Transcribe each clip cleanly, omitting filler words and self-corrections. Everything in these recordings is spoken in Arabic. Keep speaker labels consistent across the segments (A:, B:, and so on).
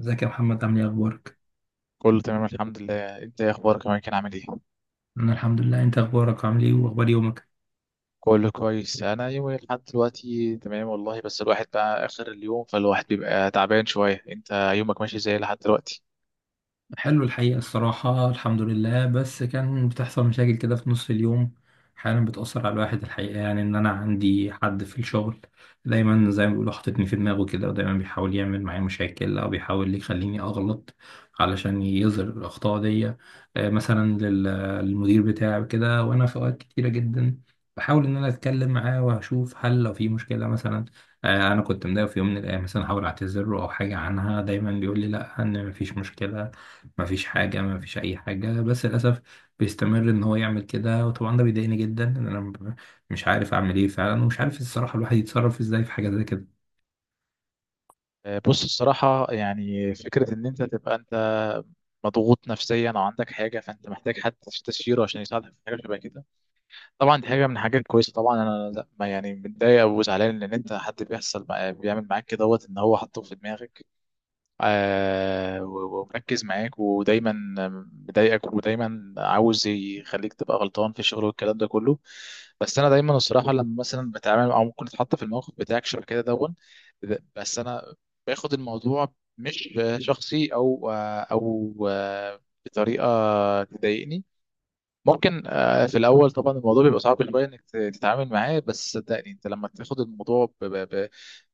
A: ازيك يا محمد؟ عامل ايه؟ اخبارك؟
B: كله تمام، الحمد لله. انت ايه اخبارك يا كان، عامل ايه؟
A: انا الحمد لله. انت اخبارك؟ عامل ايه واخبار يومك؟
B: كله كويس. انا يومي لحد دلوقتي تمام والله، بس الواحد بقى اخر اليوم فالواحد بيبقى تعبان شويه. انت يومك ماشي ازاي لحد دلوقتي؟
A: حلو الحقيقة، الصراحة الحمد لله، بس كان بتحصل مشاكل كده في نص اليوم. أحيانا بتأثر على الواحد، الحقيقة يعني إن أنا عندي حد في الشغل دايما، زي ما بيقولوا، حاططني في دماغه كده، ودايما بيحاول يعمل معايا مشاكل أو بيحاول يخليني أغلط علشان يظهر الأخطاء دي. مثلا للمدير بتاعي كده. وأنا في أوقات كتيرة جدا بحاول إن أنا أتكلم معاه وأشوف هل لو في مشكلة مثلا. أنا كنت مضايق في يوم من الأيام، مثلا أحاول أعتذر له أو حاجة عنها. دايما بيقول لي لأ، إن مفيش مشكلة، مفيش حاجة، مفيش أي حاجة، بس للأسف بيستمر إن هو يعمل كده. وطبعا ده بيضايقني جدا إن أنا مش عارف أعمل إيه فعلا، ومش عارف الصراحة الواحد يتصرف إزاي في حاجة زي كده.
B: آه، بص الصراحه، يعني فكره ان انت تبقى انت مضغوط نفسيا او عندك حاجه فانت محتاج حد تستشيره عشان يساعدك في حاجه شبه كده. طبعا دي حاجه من الحاجات الكويسه. طبعا انا لا، ما يعني متضايق وزعلان ان انت حد بيعمل معاك كده دوت، ان هو حاطه في دماغك، آه، و- ومركز معاك ودايما مضايقك ودايما عاوز يخليك تبقى غلطان في الشغل والكلام ده كله. بس انا دايما الصراحه، لما مثلا بتعامل او ممكن اتحط في الموقف بتاعك شبه كده دون، بس انا باخد الموضوع مش شخصي، او بطريقه تضايقني. ممكن في الاول طبعا الموضوع بيبقى صعب شويه انك ت- تتعامل معاه. بس صدقني، انت لما تاخد الموضوع ب- ب- ب-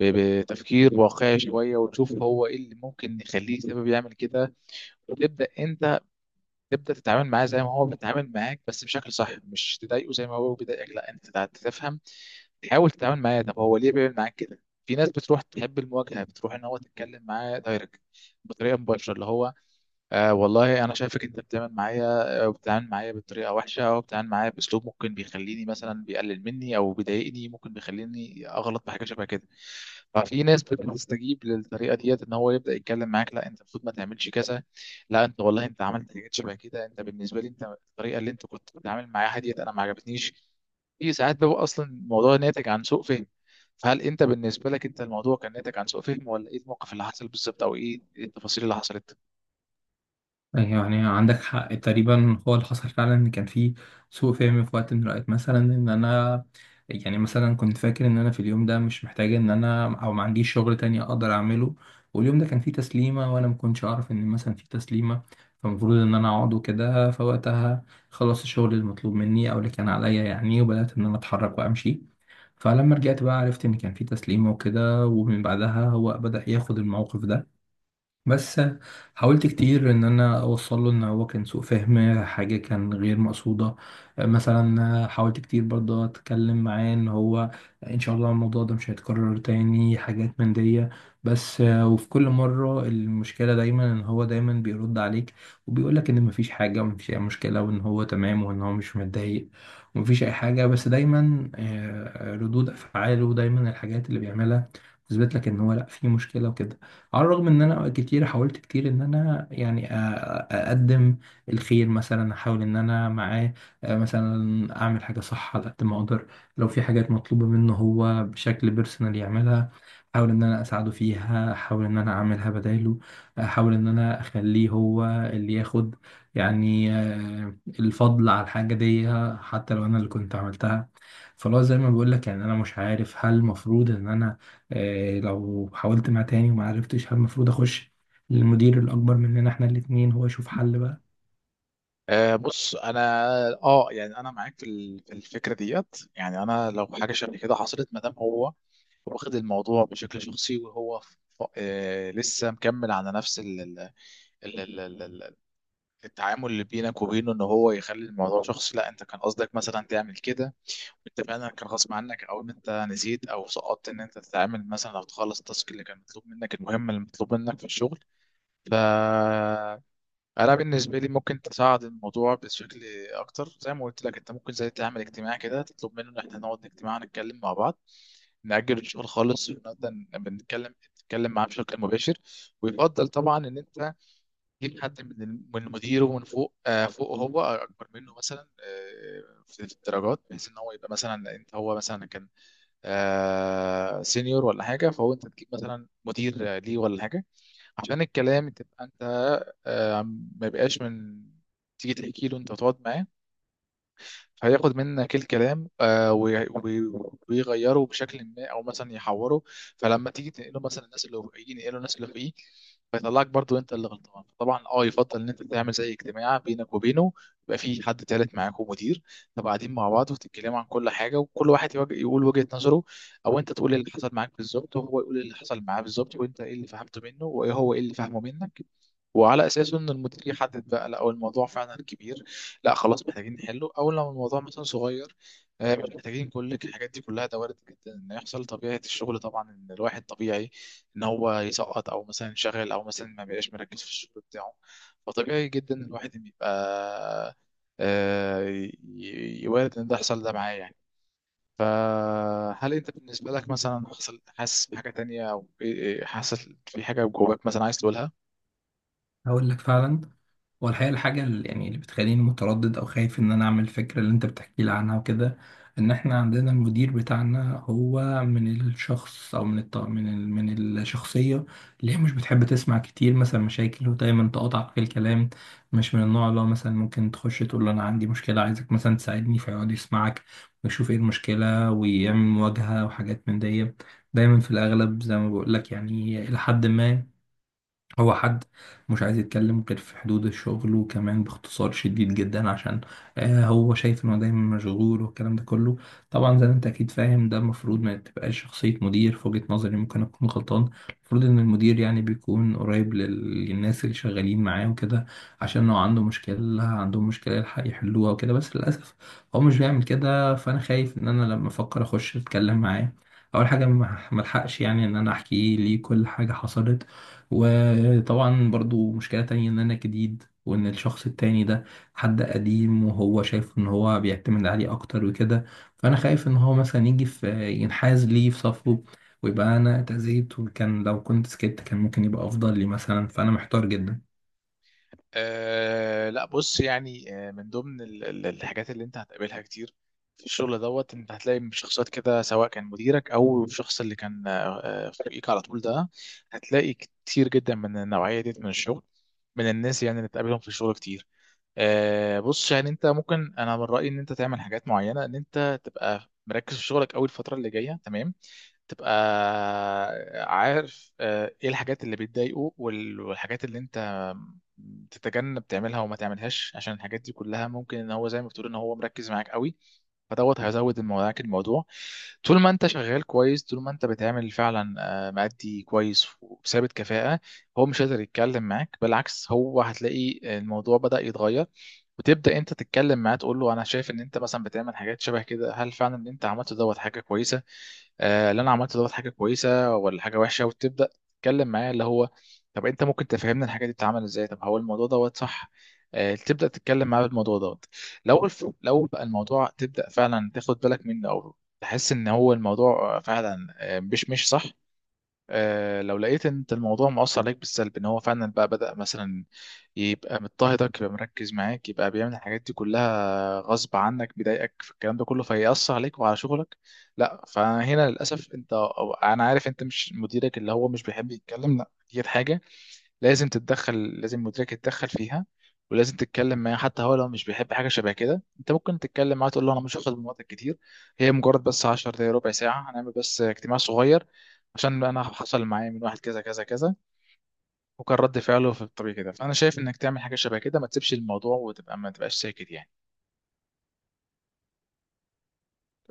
B: ب- بتفكير واقعي شويه وتشوف هو ايه اللي ممكن يخليه سبب يعمل كده، وتبدا انت تتعامل معاه زي ما هو بيتعامل معاك بس بشكل صح، مش تضايقه زي ما هو بيضايقك، لا انت تفهم، تحاول تتعامل معاه. طب هو ليه بيعمل معاك كده؟ في ناس بتروح تحب المواجهه، بتروح ان هو تتكلم معاه دايركت، بطريقه مباشره، اللي هو: آه والله انا شايفك انت بتعمل معايا، بتتعامل معايا بطريقه وحشه او بتتعامل معايا باسلوب ممكن بيخليني مثلا بيقلل مني او بيضايقني، ممكن بيخليني اغلط بحاجه شبه كده. ففي ناس بتستجيب للطريقه ديت، ان هو يبدا يتكلم معاك: لا انت المفروض ما تعملش كذا، لا انت والله انت عملت حاجات شبه كده، انت بالنسبه لي، انت الطريقه اللي انت كنت بتتعامل معاها ديت انا ما عجبتنيش. في ساعات بيبقى اصلا الموضوع ناتج عن سوء فهم. فهل انت بالنسبه لك انت الموضوع كان ناتج عن سوء فهم، ولا ايه الموقف اللي حصل بالظبط او ايه التفاصيل اللي حصلت؟
A: يعني عندك حق تقريبا، هو اللي حصل فعلا ان كان في سوء فهم في وقت من الاوقات. مثلا ان انا يعني مثلا كنت فاكر ان انا في اليوم ده مش محتاج ان انا، او ما عنديش شغل تاني اقدر اعمله. واليوم ده كان فيه تسليمه وانا ما كنتش اعرف ان مثلا في تسليمه، فالمفروض ان انا اقعد وكده. فوقتها خلصت الشغل المطلوب مني او اللي كان عليا يعني، وبدات ان انا اتحرك وامشي. فلما رجعت بقى عرفت ان كان في تسليمه وكده، ومن بعدها هو بدا ياخد الموقف ده. بس حاولت كتير ان انا اوصل له ان هو كان سوء فهم، حاجه كان غير مقصوده. مثلا حاولت كتير برضه اتكلم معاه ان هو ان شاء الله الموضوع ده مش هيتكرر تاني، حاجات من دي. بس وفي كل مره المشكله دايما ان هو دايما بيرد عليك وبيقولك ان مفيش حاجه ومفيش اي مشكله، وان هو تمام وان هو مش متضايق ومفيش اي حاجه. بس دايما ردود افعاله دايما الحاجات اللي بيعملها تثبت لك ان هو لا، في مشكله وكده. على الرغم ان انا كتير حاولت كتير ان انا يعني اقدم الخير مثلا. احاول ان انا معاه مثلا اعمل حاجه صح على قد ما اقدر. لو في حاجات مطلوبه منه هو بشكل بيرسونال يعملها، احاول ان انا اساعده فيها، احاول ان انا اعملها بداله. احاول ان انا اخليه هو اللي ياخد يعني الفضل على الحاجه دي حتى لو انا اللي كنت عملتها. فلو زي ما بقول لك، يعني انا مش عارف هل المفروض ان انا لو حاولت مع تاني وما عرفتش هل المفروض اخش للمدير الاكبر مننا احنا الاتنين، هو يشوف حل بقى.
B: آه، بص انا اه يعني انا معاك في في الفكره ديت، يعني انا لو حاجه شبه كده حصلت، ما دام هو واخد الموضوع بشكل شخصي وهو لسه مكمل على نفس ال ال ال ال ال ال التعامل اللي بينك وبينه، ان هو يخلي الموضوع شخصي، لا انت كان قصدك مثلا تعمل كده، انت فعلا كان غصب عنك او ان انت نسيت او سقطت ان انت تتعامل مثلا او تخلص التاسك اللي كان مطلوب منك، المهمه اللي مطلوب منك في الشغل. ف انا بالنسبه لي ممكن تصعد الموضوع بشكل اكتر. زي ما قلت لك، انت ممكن زي تعمل اجتماع كده، تطلب منه ان احنا نقعد اجتماع نتكلم مع بعض، نأجل الشغل خالص ونقدر بنتكلم نتكلم معاه بشكل مباشر. ويفضل طبعا ان انت تجيب حد من مديره، من فوق، فوق هو اكبر منه مثلا، في الدرجات، بحيث ان هو يبقى مثلا، انت هو مثلا كان سينيور ولا حاجه، فهو انت تجيب مثلا مدير ليه ولا حاجه، عشان الكلام تبقى انت آه، ما يبقاش من تيجي تحكي له انت تقعد معاه فهياخد منك الكلام، آه، وي- وي- ويغيره بشكل ما او مثلا يحوره، فلما تيجي تنقله مثلا الناس اللي فوقيه، ينقله الناس اللي فوقيه، فيطلعك برضو انت اللي غلطان. طبعا يفضل ان انت تعمل زي اجتماع بينك وبينه، يبقى في حد تالت معاكم، مدير، تبقى قاعدين مع بعض وتتكلموا عن كل حاجه، وكل واحد يواجه يقول وجهه نظره، او انت تقول اللي حصل معاك بالظبط وهو يقول اللي حصل معاه بالظبط، وانت ايه اللي فهمته منه وهو ايه اللي فهمه منك، وعلى اساسه ان المدير يحدد بقى، لا هو الموضوع فعلا كبير لا، خلاص محتاجين نحله، او لو الموضوع مثلا صغير مش محتاجين كل الحاجات دي كلها. ده وارد جدا ان يحصل، طبيعه الشغل طبعا، ان الواحد طبيعي ان هو يسقط او مثلا ينشغل او مثلا ما بيبقاش مركز في الشغل بتاعه. فطبيعي جدا إن الواحد إن يبقى، آه، ي- وارد ان ده يحصل ده معاه يعني. فهل انت بالنسبه لك مثلا حصل، حاسس بحاجه تانية، او إيه، حاسس في حاجه جواك مثلا عايز تقولها؟
A: هقول لك فعلا. هو الحقيقة الحاجة اللي يعني اللي بتخليني متردد أو خايف إن أنا أعمل الفكرة اللي أنت بتحكي لي عنها وكده، إن إحنا عندنا المدير بتاعنا هو من الشخص أو من الط... من ال... من الشخصية اللي هي مش بتحب تسمع كتير مثلا مشاكل، ودايما تقاطعك في الكلام. مش من النوع اللي هو مثلا ممكن تخش تقول له أنا عندي مشكلة عايزك مثلا تساعدني فيقعد يسمعك ويشوف إيه المشكلة ويعمل مواجهة وحاجات من دي. دايما في الأغلب زي ما بقول لك، يعني إلى حد ما هو حد مش عايز يتكلم غير في حدود الشغل، وكمان باختصار شديد جدا عشان هو شايف انه دايما مشغول والكلام ده كله. طبعا زي ما انت اكيد فاهم ده المفروض ما تبقاش شخصية مدير، في وجهة نظري، ممكن اكون غلطان. المفروض ان المدير يعني بيكون قريب للناس اللي شغالين معاه وكده، عشان لو عنده مشكلة، عندهم مشكلة، يلحق يحلوها وكده. بس للأسف هو مش بيعمل كده، فانا خايف ان انا لما افكر اخش اتكلم معاه اول حاجه ما الحقش يعني ان انا احكي ليه كل حاجه حصلت. وطبعا برضو مشكلة تانية ان انا جديد، وان الشخص التاني ده حد قديم وهو شايف ان هو بيعتمد عليه اكتر وكده. فانا خايف ان هو مثلا يجي في ينحاز لي في صفه، ويبقى انا اتأذيت، وكان لو كنت سكت كان ممكن يبقى افضل لي مثلا. فانا محتار جدا.
B: أه لا، بص يعني، من ضمن الحاجات اللي انت هتقابلها كتير في الشغل دوت، انت هتلاقي شخصيات كده سواء كان مديرك او الشخص اللي كان فوقيك على طول ده. هتلاقي كتير جدا من النوعية ديت من الشغل، من الناس يعني اللي تقابلهم في الشغل كتير. بص يعني انت ممكن، انا من رأيي ان انت تعمل حاجات معينة، ان انت تبقى مركز في شغلك اول الفترة اللي جاية، تمام. تبقى عارف ايه الحاجات اللي بتضايقه وال- والحاجات اللي انت تتجنب تعملها وما تعملهاش، عشان الحاجات دي كلها ممكن ان هو، زي ما بتقول، ان هو مركز معاك قوي، فدوت هيزود معاك الموضوع. طول ما انت شغال كويس، طول ما انت بتعمل فعلا مأدي كويس وثابت كفاءة، هو مش قادر يتكلم معاك. بالعكس، هو هتلاقي الموضوع بدأ يتغير، وتبدا انت تتكلم معاه تقول له: انا شايف ان انت مثلا بتعمل حاجات شبه كده، هل فعلا اللي انت عملته دوت حاجه كويسه؟ آه، اللي انا عملته دوت حاجه كويسه ولا حاجه وحشه؟ وتبدا تتكلم معاه، اللي هو: طب انت ممكن تفهمنا الحاجه دي بتتعمل ازاي؟ طب هو الموضوع دوت صح؟ آه، تبدا تتكلم معاه بالموضوع دوت. لو بقى الموضوع، تبدا فعلا تاخد بالك منه او تحس ان هو الموضوع فعلا مش صح. لو لقيت ان انت الموضوع مؤثر عليك بالسلب، ان هو فعلا بقى بدأ مثلا يبقى مضطهدك، يبقى مركز معاك، يبقى بيعمل الحاجات دي كلها غصب عنك، بيضايقك في الكلام ده كله فيأثر عليك وعلى شغلك، لا. فهنا للأسف انت، أو انا عارف انت مش، مديرك اللي هو مش بيحب يتكلم، لا دي حاجة لازم تتدخل، لازم مديرك يتدخل فيها. ولازم تتكلم معاه. حتى هو لو مش بيحب حاجه شبه كده، انت ممكن تتكلم معاه تقول له: انا مش هاخد من وقتك كتير، هي مجرد بس 10 دقايق، ربع ساعه، هنعمل بس اجتماع صغير، عشان انا حصل معايا من واحد كذا كذا كذا، وكان رد فعله في الطبيعي كده، فانا شايف انك تعمل حاجه شبه كده، ما تسيبش الموضوع وتبقى، ما تبقاش ساكت يعني.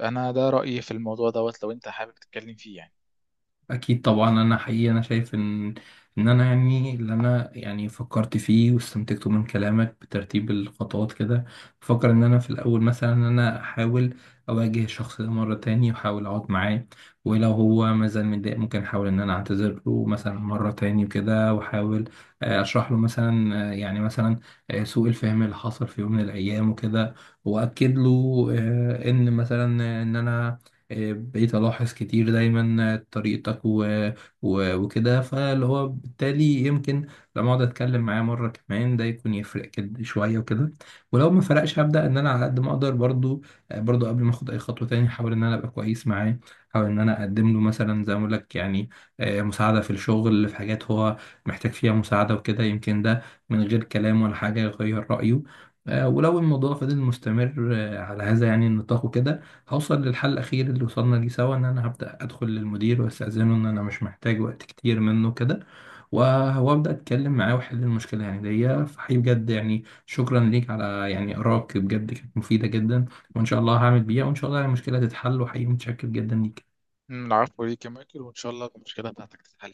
B: انا ده رايي في الموضوع دوت، لو انت حابب تتكلم فيه يعني.
A: اكيد طبعا انا حقيقي انا شايف ان ان انا يعني اللي انا يعني فكرت فيه واستنتجته من كلامك بترتيب الخطوات كده، بفكر ان انا في الاول مثلا ان انا احاول اواجه الشخص ده مره تاني واحاول اقعد معاه. ولو هو مازال متضايق ممكن احاول ان انا اعتذر له مثلا مره تاني كده. واحاول اشرح له مثلا، يعني مثلا سوء الفهم اللي حصل في يوم من الايام وكده. واكد له ان مثلا ان انا بقيت ألاحظ كتير دايما طريقتك وكده، فاللي هو بالتالي يمكن لما أقعد أتكلم معاه مرة كمان ده يكون يفرق كده شوية وكده. ولو ما فرقش هبدأ إن أنا على قد ما أقدر برضو قبل ما أخد أي خطوة تاني أحاول إن أنا أبقى كويس معاه. أحاول إن أنا أقدم له مثلا، زي ما أقول لك، يعني مساعدة في الشغل في حاجات هو محتاج فيها مساعدة وكده. يمكن ده من غير كلام ولا حاجة يغير رأيه. ولو الموضوع فضل مستمر على هذا يعني النطاق وكده، هوصل للحل الأخير اللي وصلنا ليه سوا إن أنا هبدأ أدخل للمدير وأستأذنه إن أنا مش محتاج وقت كتير منه كده، وأبدأ أتكلم معاه وأحل المشكلة يعني دي. فحقيقي بجد يعني شكرا ليك على يعني آرائك، بجد كانت مفيدة جدا. وإن شاء الله هعمل بيها، وإن شاء الله يعني المشكلة تتحل. وحقيقي متشكر جدا ليك.
B: العفو ليك يا مايكل، وان شاء الله المشكله بتاعتك تتحل.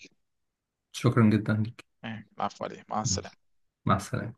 A: شكرا جدا ليك.
B: العفو عليك. مع السلامه.
A: مع السلامة.